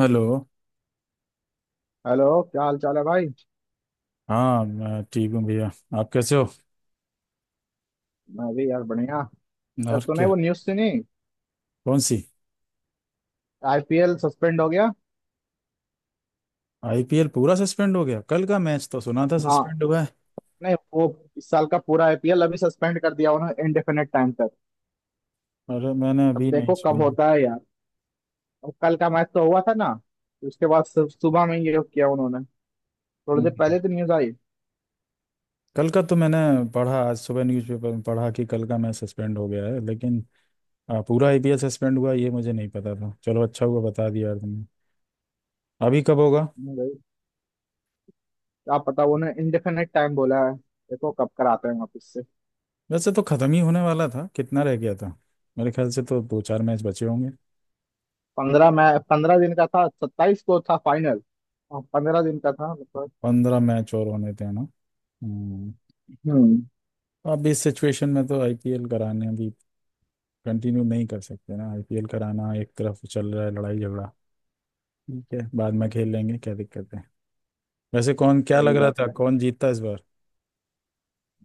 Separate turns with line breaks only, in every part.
Hello.
Hello. क्या हाल चाल है भाई।
हाँ मैं ठीक हूँ भैया। आप कैसे हो?
मैं भी यार बढ़िया। यार
और
तूने
क्या,
वो न्यूज़ सुनी।
कौन सी?
आईपीएल सस्पेंड हो गया।
आईपीएल पूरा सस्पेंड हो गया? कल का मैच तो सुना था
हाँ।
सस्पेंड हुआ है।
नहीं वो इस साल का पूरा आईपीएल अभी सस्पेंड कर दिया उन्होंने इनडेफिनेट टाइम तक।
अरे मैंने
अब
अभी नहीं
देखो कब
सुनी।
होता है यार। अब कल का मैच तो हुआ था ना। उसके बाद सुबह में ये किया उन्होंने। थोड़ी देर
हम्म।
पहले तो न्यूज़ आई।
कल का तो मैंने पढ़ा, आज सुबह न्यूज़पेपर में पढ़ा कि कल का मैच सस्पेंड हो गया है, लेकिन पूरा आईपीएल सस्पेंड हुआ ये मुझे नहीं पता था। चलो अच्छा हुआ बता दिया यार तुमने। अभी कब होगा?
नहीं भाई, क्या पता, उन्होंने इनडेफिनेट टाइम बोला है, देखो कब कराते हैं वापस से।
वैसे तो खत्म ही होने वाला था, कितना रह गया था? मेरे ख्याल से तो दो चार मैच बचे होंगे।
15 मैच, 15 दिन का था, 27 को था फाइनल। 15 दिन का था मतलब।
15 मैच और होने थे ना? हम्म,
हम्म।
अब इस सिचुएशन में तो आईपीएल कराने अभी कंटिन्यू नहीं कर सकते ना। आईपीएल कराना एक तरफ, चल रहा है लड़ाई झगड़ा। ठीक है बाद में खेल लेंगे, क्या दिक्कत है। वैसे कौन, क्या
सही
लग रहा
बात
था
है।
कौन जीतता इस बार?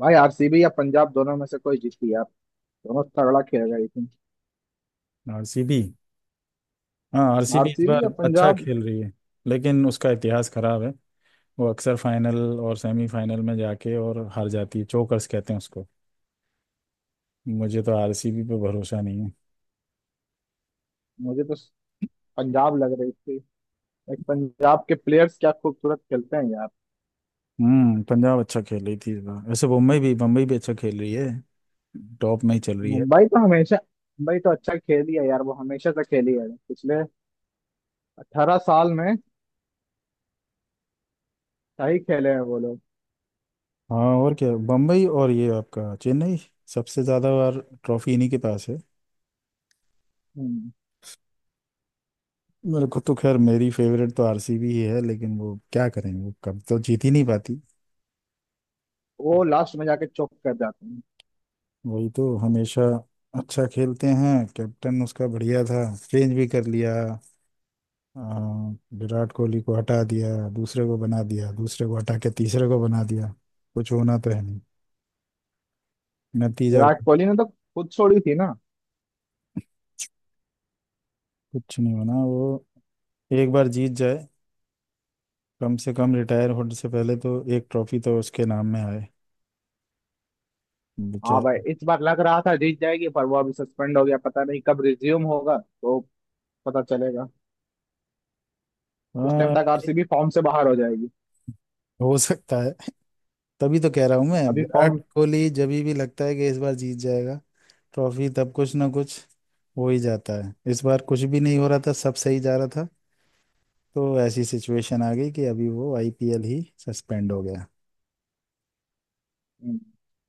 भाई आरसीबी या पंजाब दोनों में से कोई जीती यार। दोनों तगड़ा खेल रही थी।
आरसीबी। हाँ आरसीबी इस
आरसीबी
बार
या
अच्छा
पंजाब।
खेल रही है, लेकिन उसका इतिहास खराब है। वो अक्सर फाइनल और सेमीफाइनल में जाके और हार जाती है, चोकर्स कहते हैं उसको। मुझे तो आरसीबी पे भरोसा नहीं है।
मुझे तो पंजाब लग रही थी। एक पंजाब के प्लेयर्स क्या खूबसूरत खेलते हैं यार।
हम्म, पंजाब अच्छा खेल रही थी इस बार। वैसे मुंबई भी अच्छा खेल रही है, टॉप में ही चल रही है।
मुंबई तो हमेशा। मुंबई तो अच्छा खेली है यार, वो हमेशा से खेली है पिछले 18 साल में। सही खेले हैं वो लोग।
हाँ और क्या, बम्बई और ये आपका चेन्नई, सबसे ज़्यादा बार ट्रॉफी इन्हीं के पास है।
हम्म।
मेरे को तो, खैर मेरी फेवरेट तो आरसीबी ही है, लेकिन वो क्या करें, वो कब तो जीत ही नहीं पाती।
वो लास्ट में जाके चौक कर जाते हैं।
वही तो हमेशा, अच्छा खेलते हैं, कैप्टन उसका बढ़िया था, चेंज भी कर लिया। आ, विराट कोहली को हटा दिया दूसरे को बना दिया, दूसरे को हटा के तीसरे को बना दिया। कुछ होना तो है नहीं, नतीजा।
विराट कोहली ने तो खुद छोड़ी थी ना।
कुछ नहीं होना। वो एक बार जीत जाए, कम से कम रिटायर होने से पहले तो एक ट्रॉफी तो उसके नाम में आए,
हाँ भाई
बेचारा।
इस बार लग रहा था जीत जाएगी पर वो अभी सस्पेंड हो गया, पता नहीं कब रिज्यूम होगा, तो पता चलेगा। उस टाइम
हाँ।
तक आरसीबी फॉर्म से बाहर हो जाएगी।
हो सकता है। तभी तो कह रहा हूँ मैं,
अभी
विराट
फॉर्म।
कोहली जब भी लगता है कि इस बार जीत जाएगा ट्रॉफी, तब कुछ ना कुछ हो ही जाता है। इस बार कुछ भी नहीं हो रहा था, सब सही जा रहा था, तो ऐसी सिचुएशन आ गई कि अभी वो आईपीएल ही सस्पेंड हो गया।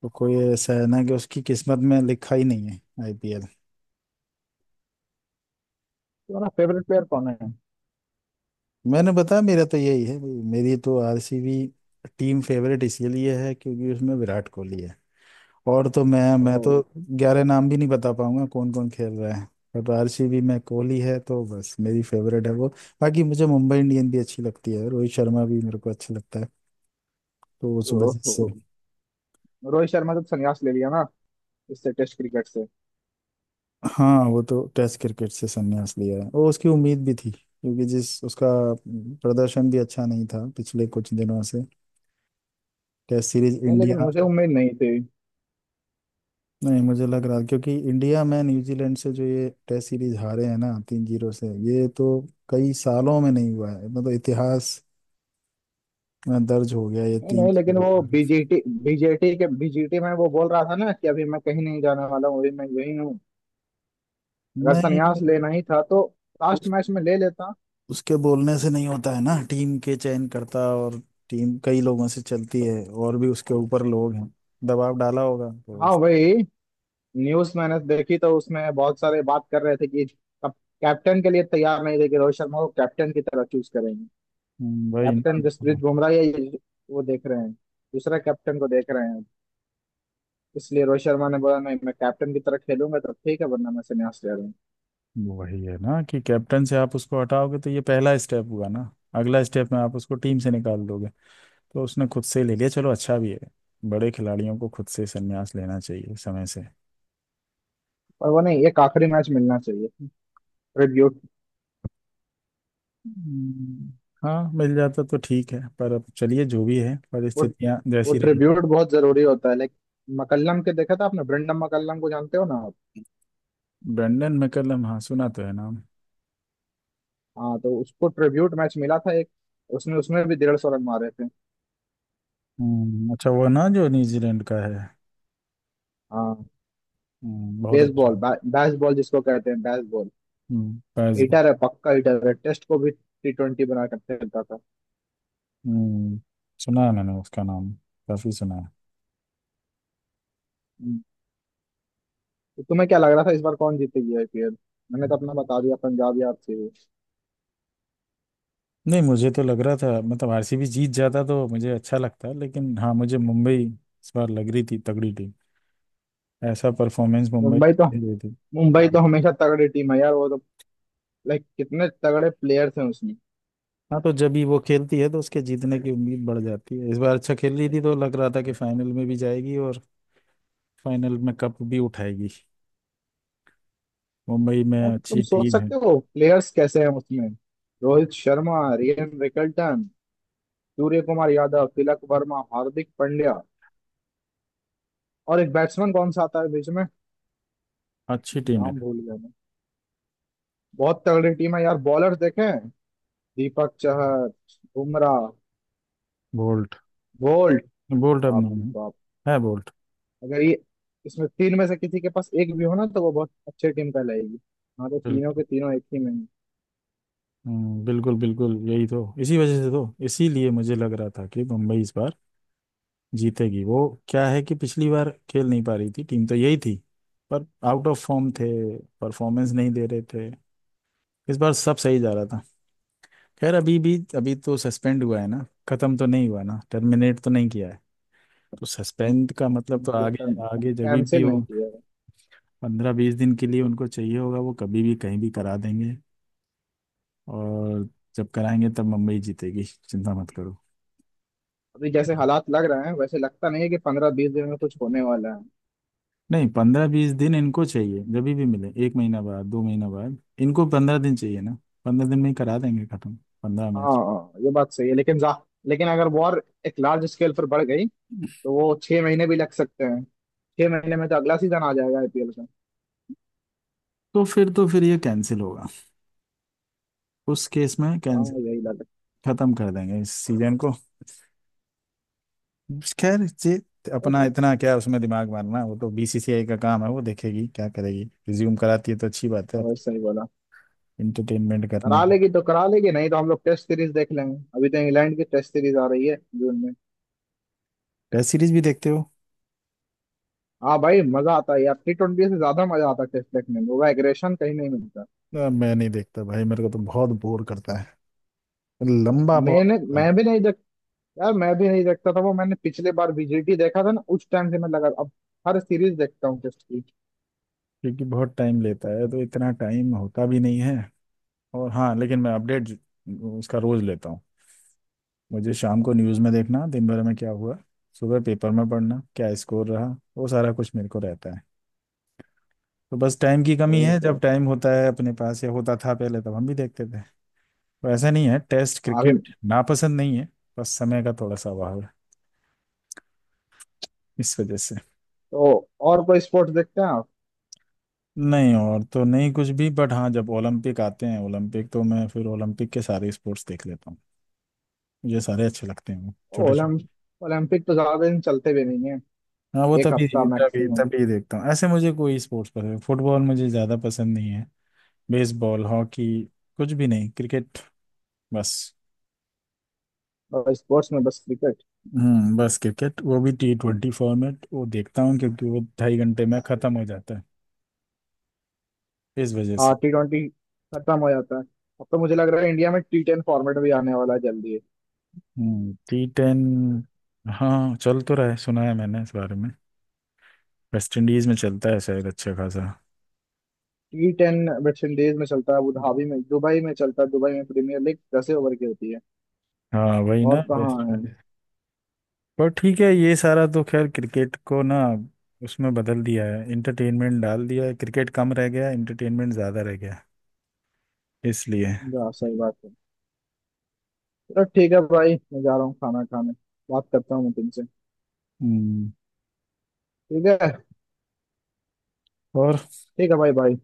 तो कोई ऐसा है ना कि उसकी किस्मत में लिखा ही नहीं है आईपीएल।
तुम्हारा फेवरेट प्लेयर कौन है।
मैंने बताया, मेरा तो यही है भाई, मेरी तो आरसीबी टीम फेवरेट इसीलिए है क्योंकि उसमें विराट कोहली है। और तो मैं
ओ,
तो 11 नाम भी नहीं बता पाऊंगा कौन कौन खेल रहा है, बट आरसीबी में कोहली है तो बस मेरी फेवरेट है वो। बाकी मुझे मुंबई इंडियन भी अच्छी लगती है, रोहित शर्मा भी मेरे को अच्छा लगता है। तो वो सुबह
ओ,
से।
ओ, रोहित शर्मा जब संन्यास ले लिया ना, इससे टेस्ट क्रिकेट से।
हाँ वो तो टेस्ट क्रिकेट से संन्यास लिया है, वो उसकी उम्मीद भी थी क्योंकि जिस उसका प्रदर्शन भी अच्छा नहीं था पिछले कुछ दिनों से, टेस्ट सीरीज
नहीं लेकिन
इंडिया।
मुझे उम्मीद नहीं थी।
नहीं, मुझे लग रहा क्योंकि इंडिया में न्यूजीलैंड से जो ये टेस्ट सीरीज हारे हैं ना 3-0 से, ये तो कई सालों में नहीं हुआ है, मतलब इतिहास इतना दर्ज हो गया ये
नहीं
तीन
नहीं लेकिन
चीजों
वो
का।
बीजेटी बीजेटी के बीजेटी में वो बोल रहा था ना कि अभी मैं कहीं नहीं जाने वाला हूँ, अभी मैं यही हूँ। अगर
नहीं
संन्यास लेना ही था तो लास्ट
उस,
मैच में ले लेता।
उसके बोलने से नहीं होता है ना, टीम के चयन करता, और टीम कई लोगों से चलती है, और भी उसके ऊपर लोग हैं। दबाव डाला होगा तो
हाँ
उस-
वही न्यूज मैंने देखी, तो उसमें बहुत सारे बात कर रहे थे कि कैप्टन के लिए तैयार नहीं थे कि रोहित शर्मा को कैप्टन की तरह चूज करेंगे।
वही ना।
कैप्टन जसप्रीत
हाँ,
बुमराह या वो देख रहे हैं, दूसरा कैप्टन को देख रहे हैं। इसलिए रोहित शर्मा ने बोला नहीं, मैं कैप्टन की तरह खेलूंगा तो ठीक है, वरना मैं संन्यास ले रहा हूँ।
वही है ना कि कैप्टन से आप उसको हटाओगे तो ये पहला स्टेप हुआ ना, अगला स्टेप में आप उसको टीम से निकाल दोगे। तो उसने खुद से ले लिया, चलो अच्छा भी है, बड़े खिलाड़ियों को खुद से संन्यास लेना चाहिए समय से।
पर वो नहीं, एक आखिरी मैच मिलना चाहिए, ट्रिब्यूट।
हम्म, हाँ मिल जाता तो ठीक है, पर अब चलिए जो भी है,
वो,
परिस्थितियां
वो
जैसी रही।
ट्रिब्यूट बहुत जरूरी होता है, लाइक मकल्लम के देखा था आपने, ब्रेंडम मकल्लम को जानते हो ना आप।
ब्रेंडन मैकलम, हाँ सुना तो है नाम।
हाँ तो उसको ट्रिब्यूट मैच मिला था एक। उसने उसमें भी 150 रन मारे थे।
अच्छा वो ना जो न्यूजीलैंड का है।
हाँ।
बहुत अच्छा।
बेसबॉल बैसबॉल जिसको कहते हैं बैसबॉल,
पैस।
हिटर है, पक्का हिटर है, टेस्ट को भी T20 बना कर खेलता था।
हम्म, सुना है मैंने उसका नाम, काफी सुना है।
तो तुम्हें क्या लग रहा था इस बार कौन जीतेगी आईपीएल। मैंने तो अपना बता दिया, पंजाब या आरसीबी।
नहीं मुझे तो लग रहा था, मतलब आरसीबी जीत जाता तो मुझे अच्छा लगता, लेकिन हाँ मुझे मुंबई इस बार लग रही थी तगड़ी टीम, ऐसा परफॉर्मेंस मुंबई
मुंबई तो
दे रही थी।
मुंबई तो
हाँ।
हमेशा तगड़ी टीम है यार, वो तो लाइक कितने तगड़े प्लेयर्स हैं उसमें।
हाँ तो जब भी वो खेलती है तो उसके जीतने की उम्मीद बढ़ जाती है। इस बार अच्छा खेल रही थी तो लग रहा था कि फाइनल में भी जाएगी और फाइनल में कप भी उठाएगी। मुंबई में
Like, तुम
अच्छी
सोच
टीम है,
सकते हो प्लेयर्स कैसे हैं उसमें। रोहित शर्मा, रियान रिकल्टन, सूर्य कुमार यादव, तिलक वर्मा, हार्दिक पांड्या और एक बैट्समैन कौन सा आता है बीच में।
अच्छी टीम है।
नाम भूल गया मैं। बहुत तगड़ी टीम है यार। बॉलर देखे हैं, Deepak Chahar, Bumrah,
Boult.
Boult.
Boult अब
बाप रे
नहीं।
बाप।
है है बोल्ट।
अगर ये इसमें तीन में से किसी के पास एक भी हो ना तो वो बहुत अच्छी टीम कहलाएगी। हाँ तो तीनों
बिल्कुल।
के तीनों एक ही में।
बिल्कुल बिल्कुल, यही तो, इसी वजह से तो, इसीलिए मुझे लग रहा था कि मुंबई इस बार जीतेगी। वो क्या है कि पिछली बार खेल नहीं पा रही थी, टीम तो यही थी पर आउट ऑफ फॉर्म थे, परफॉर्मेंस नहीं दे रहे थे, इस बार सब सही जा रहा था। खैर अभी भी, अभी तो सस्पेंड हुआ है ना, खत्म तो नहीं हुआ ना, टर्मिनेट तो नहीं किया है। तो सस्पेंड का मतलब तो आगे, आगे जब भी
कैंसिल नहीं
हो,
किया है।
15-20 दिन के लिए उनको चाहिए होगा, वो कभी भी कहीं भी करा देंगे। और जब कराएंगे तब मुंबई जीतेगी, चिंता मत करो।
अभी जैसे हालात लग रहे हैं वैसे लगता नहीं है कि 15-20 दिन में कुछ होने वाला है।
नहीं, 15-20 दिन इनको चाहिए, जब भी मिले, 1 महीना बाद 2 महीना बाद, इनको 15 दिन चाहिए ना, 15 दिन में ही करा देंगे खत्म, 15 मैच।
हाँ ये बात सही है, लेकिन जा, लेकिन अगर वॉर एक लार्ज स्केल पर बढ़ गई तो वो 6 महीने भी लग सकते हैं। 6 महीने में तो अगला सीजन आ जाएगा आईपीएल का।
तो फिर, तो फिर ये कैंसिल होगा, उस केस में
हाँ
कैंसिल।
यही लग
खत्म कर देंगे इस सीजन को। खैर, ये
रहा
अपना
है।
इतना क्या उसमें दिमाग मारना, वो तो बीसीसीआई का काम है, वो देखेगी क्या करेगी। रिज्यूम कराती है तो अच्छी बात है।
हाँ भाई सही बोला,
इंटरटेनमेंट करने
करा
की।
लेगी तो करा लेगी, नहीं तो हम लोग टेस्ट सीरीज देख लेंगे। अभी तो इंग्लैंड की टेस्ट सीरीज आ रही है जून में।
टेस्ट सीरीज भी देखते हो?
हाँ भाई मजा आता है यार, T20 से ज्यादा मजा आता है टेस्ट देखने में, वो एग्रेशन कहीं नहीं मिलता।
ना, मैं नहीं देखता भाई, मेरे को तो बहुत बोर करता है, लंबा बहुत
मैंने
होता है।
मैं भी नहीं देख यार मैं भी नहीं देखता था, वो मैंने पिछले बार बीजीटी देखा था ना, उस टाइम से मैं लगा अब हर सीरीज देखता हूँ टेस्ट की।
क्योंकि बहुत टाइम लेता है तो इतना टाइम होता भी नहीं है, और हाँ लेकिन मैं अपडेट उसका रोज लेता हूँ। मुझे शाम को न्यूज़ में देखना दिन भर में क्या हुआ, सुबह पेपर में पढ़ना क्या स्कोर रहा, वो सारा कुछ मेरे को रहता है। तो बस टाइम की कमी है, जब
ओहो।
टाइम होता है अपने पास, या होता था पहले तब हम भी देखते थे। तो ऐसा नहीं है, टेस्ट
अभी
क्रिकेट नापसंद नहीं है, बस समय का थोड़ा सा अभाव है, इस वजह से।
तो और कोई स्पोर्ट्स देखते हैं आप।
नहीं, और तो नहीं कुछ भी, बट हाँ जब ओलंपिक आते हैं ओलंपिक, तो मैं फिर ओलंपिक के सारे स्पोर्ट्स देख लेता हूँ। मुझे सारे अच्छे लगते हैं, वो छोटे छोटे।
ओलम ओलंपिक तो ज्यादा दिन चलते भी नहीं है,
हाँ वो
एक
तभी
हफ्ता
तभी
मैक्सिमम।
तभी देखता हूँ। ऐसे मुझे कोई स्पोर्ट्स पसंद, फुटबॉल मुझे ज़्यादा पसंद नहीं है, बेसबॉल हॉकी कुछ भी नहीं, क्रिकेट बस।
और स्पोर्ट्स में बस क्रिकेट।
बस क्रिकेट, वो भी T20 फॉर्मेट वो देखता हूँ क्योंकि वो 2.5 घंटे में ख़त्म हो जाता है, इस वजह
हाँ
से।
T20 खत्म हो जाता है। अब तो मुझे लग रहा है इंडिया में T10 फॉर्मेट भी आने वाला है जल्दी।
हम्म, T10, हाँ चल तो रहा है, सुना है मैंने इस बारे में। वेस्ट इंडीज़ में चलता है शायद अच्छा खासा।
T10 वेस्टइंडीज में चलता है, अबू धाबी में, दुबई में चलता है, दुबई में प्रीमियर लीग 10 ओवर की होती है।
हाँ वही
और
ना,
कहाँ
वेस्ट
है।
इंडीज। पर ठीक है, ये सारा तो खैर, क्रिकेट को ना उसमें बदल दिया है, इंटरटेनमेंट डाल दिया है, क्रिकेट कम रह गया इंटरटेनमेंट ज़्यादा रह गया, इसलिए।
जा सही बात है। चलो ठीक है भाई, मैं जा रहा हूँ खाना खाने, बात करता हूँ मैं तुमसे।
हम्म,
ठीक है।
और
ठीक है भाई, भाई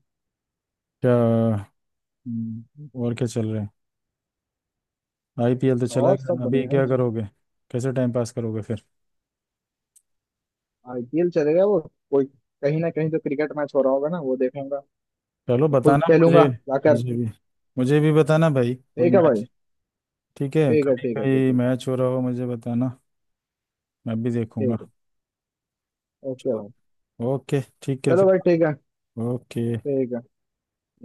क्या। और क्या चल रहा है? आईपीएल तो चला
और सब
गया, अभी
बढ़िया है।
क्या करोगे? कैसे टाइम पास करोगे फिर?
आईपीएल चलेगा वो, कोई कहीं ना कहीं तो क्रिकेट मैच हो रहा होगा ना, वो देखूंगा।
चलो
खुद
बताना
खेलूंगा
मुझे,
जाकर।
मुझे भी, बताना भाई, कोई
ठीक है
मैच।
भाई।
ठीक है,
ठीक है
कभी
ठीक है ठीक
कभी
है।
मैच हो रहा हो मुझे बताना, मैं भी देखूंगा।
ठीक है। ओके भाई।
ओके ठीक है
चलो
फिर।
भाई ठीक है।
ओके।
ठीक है।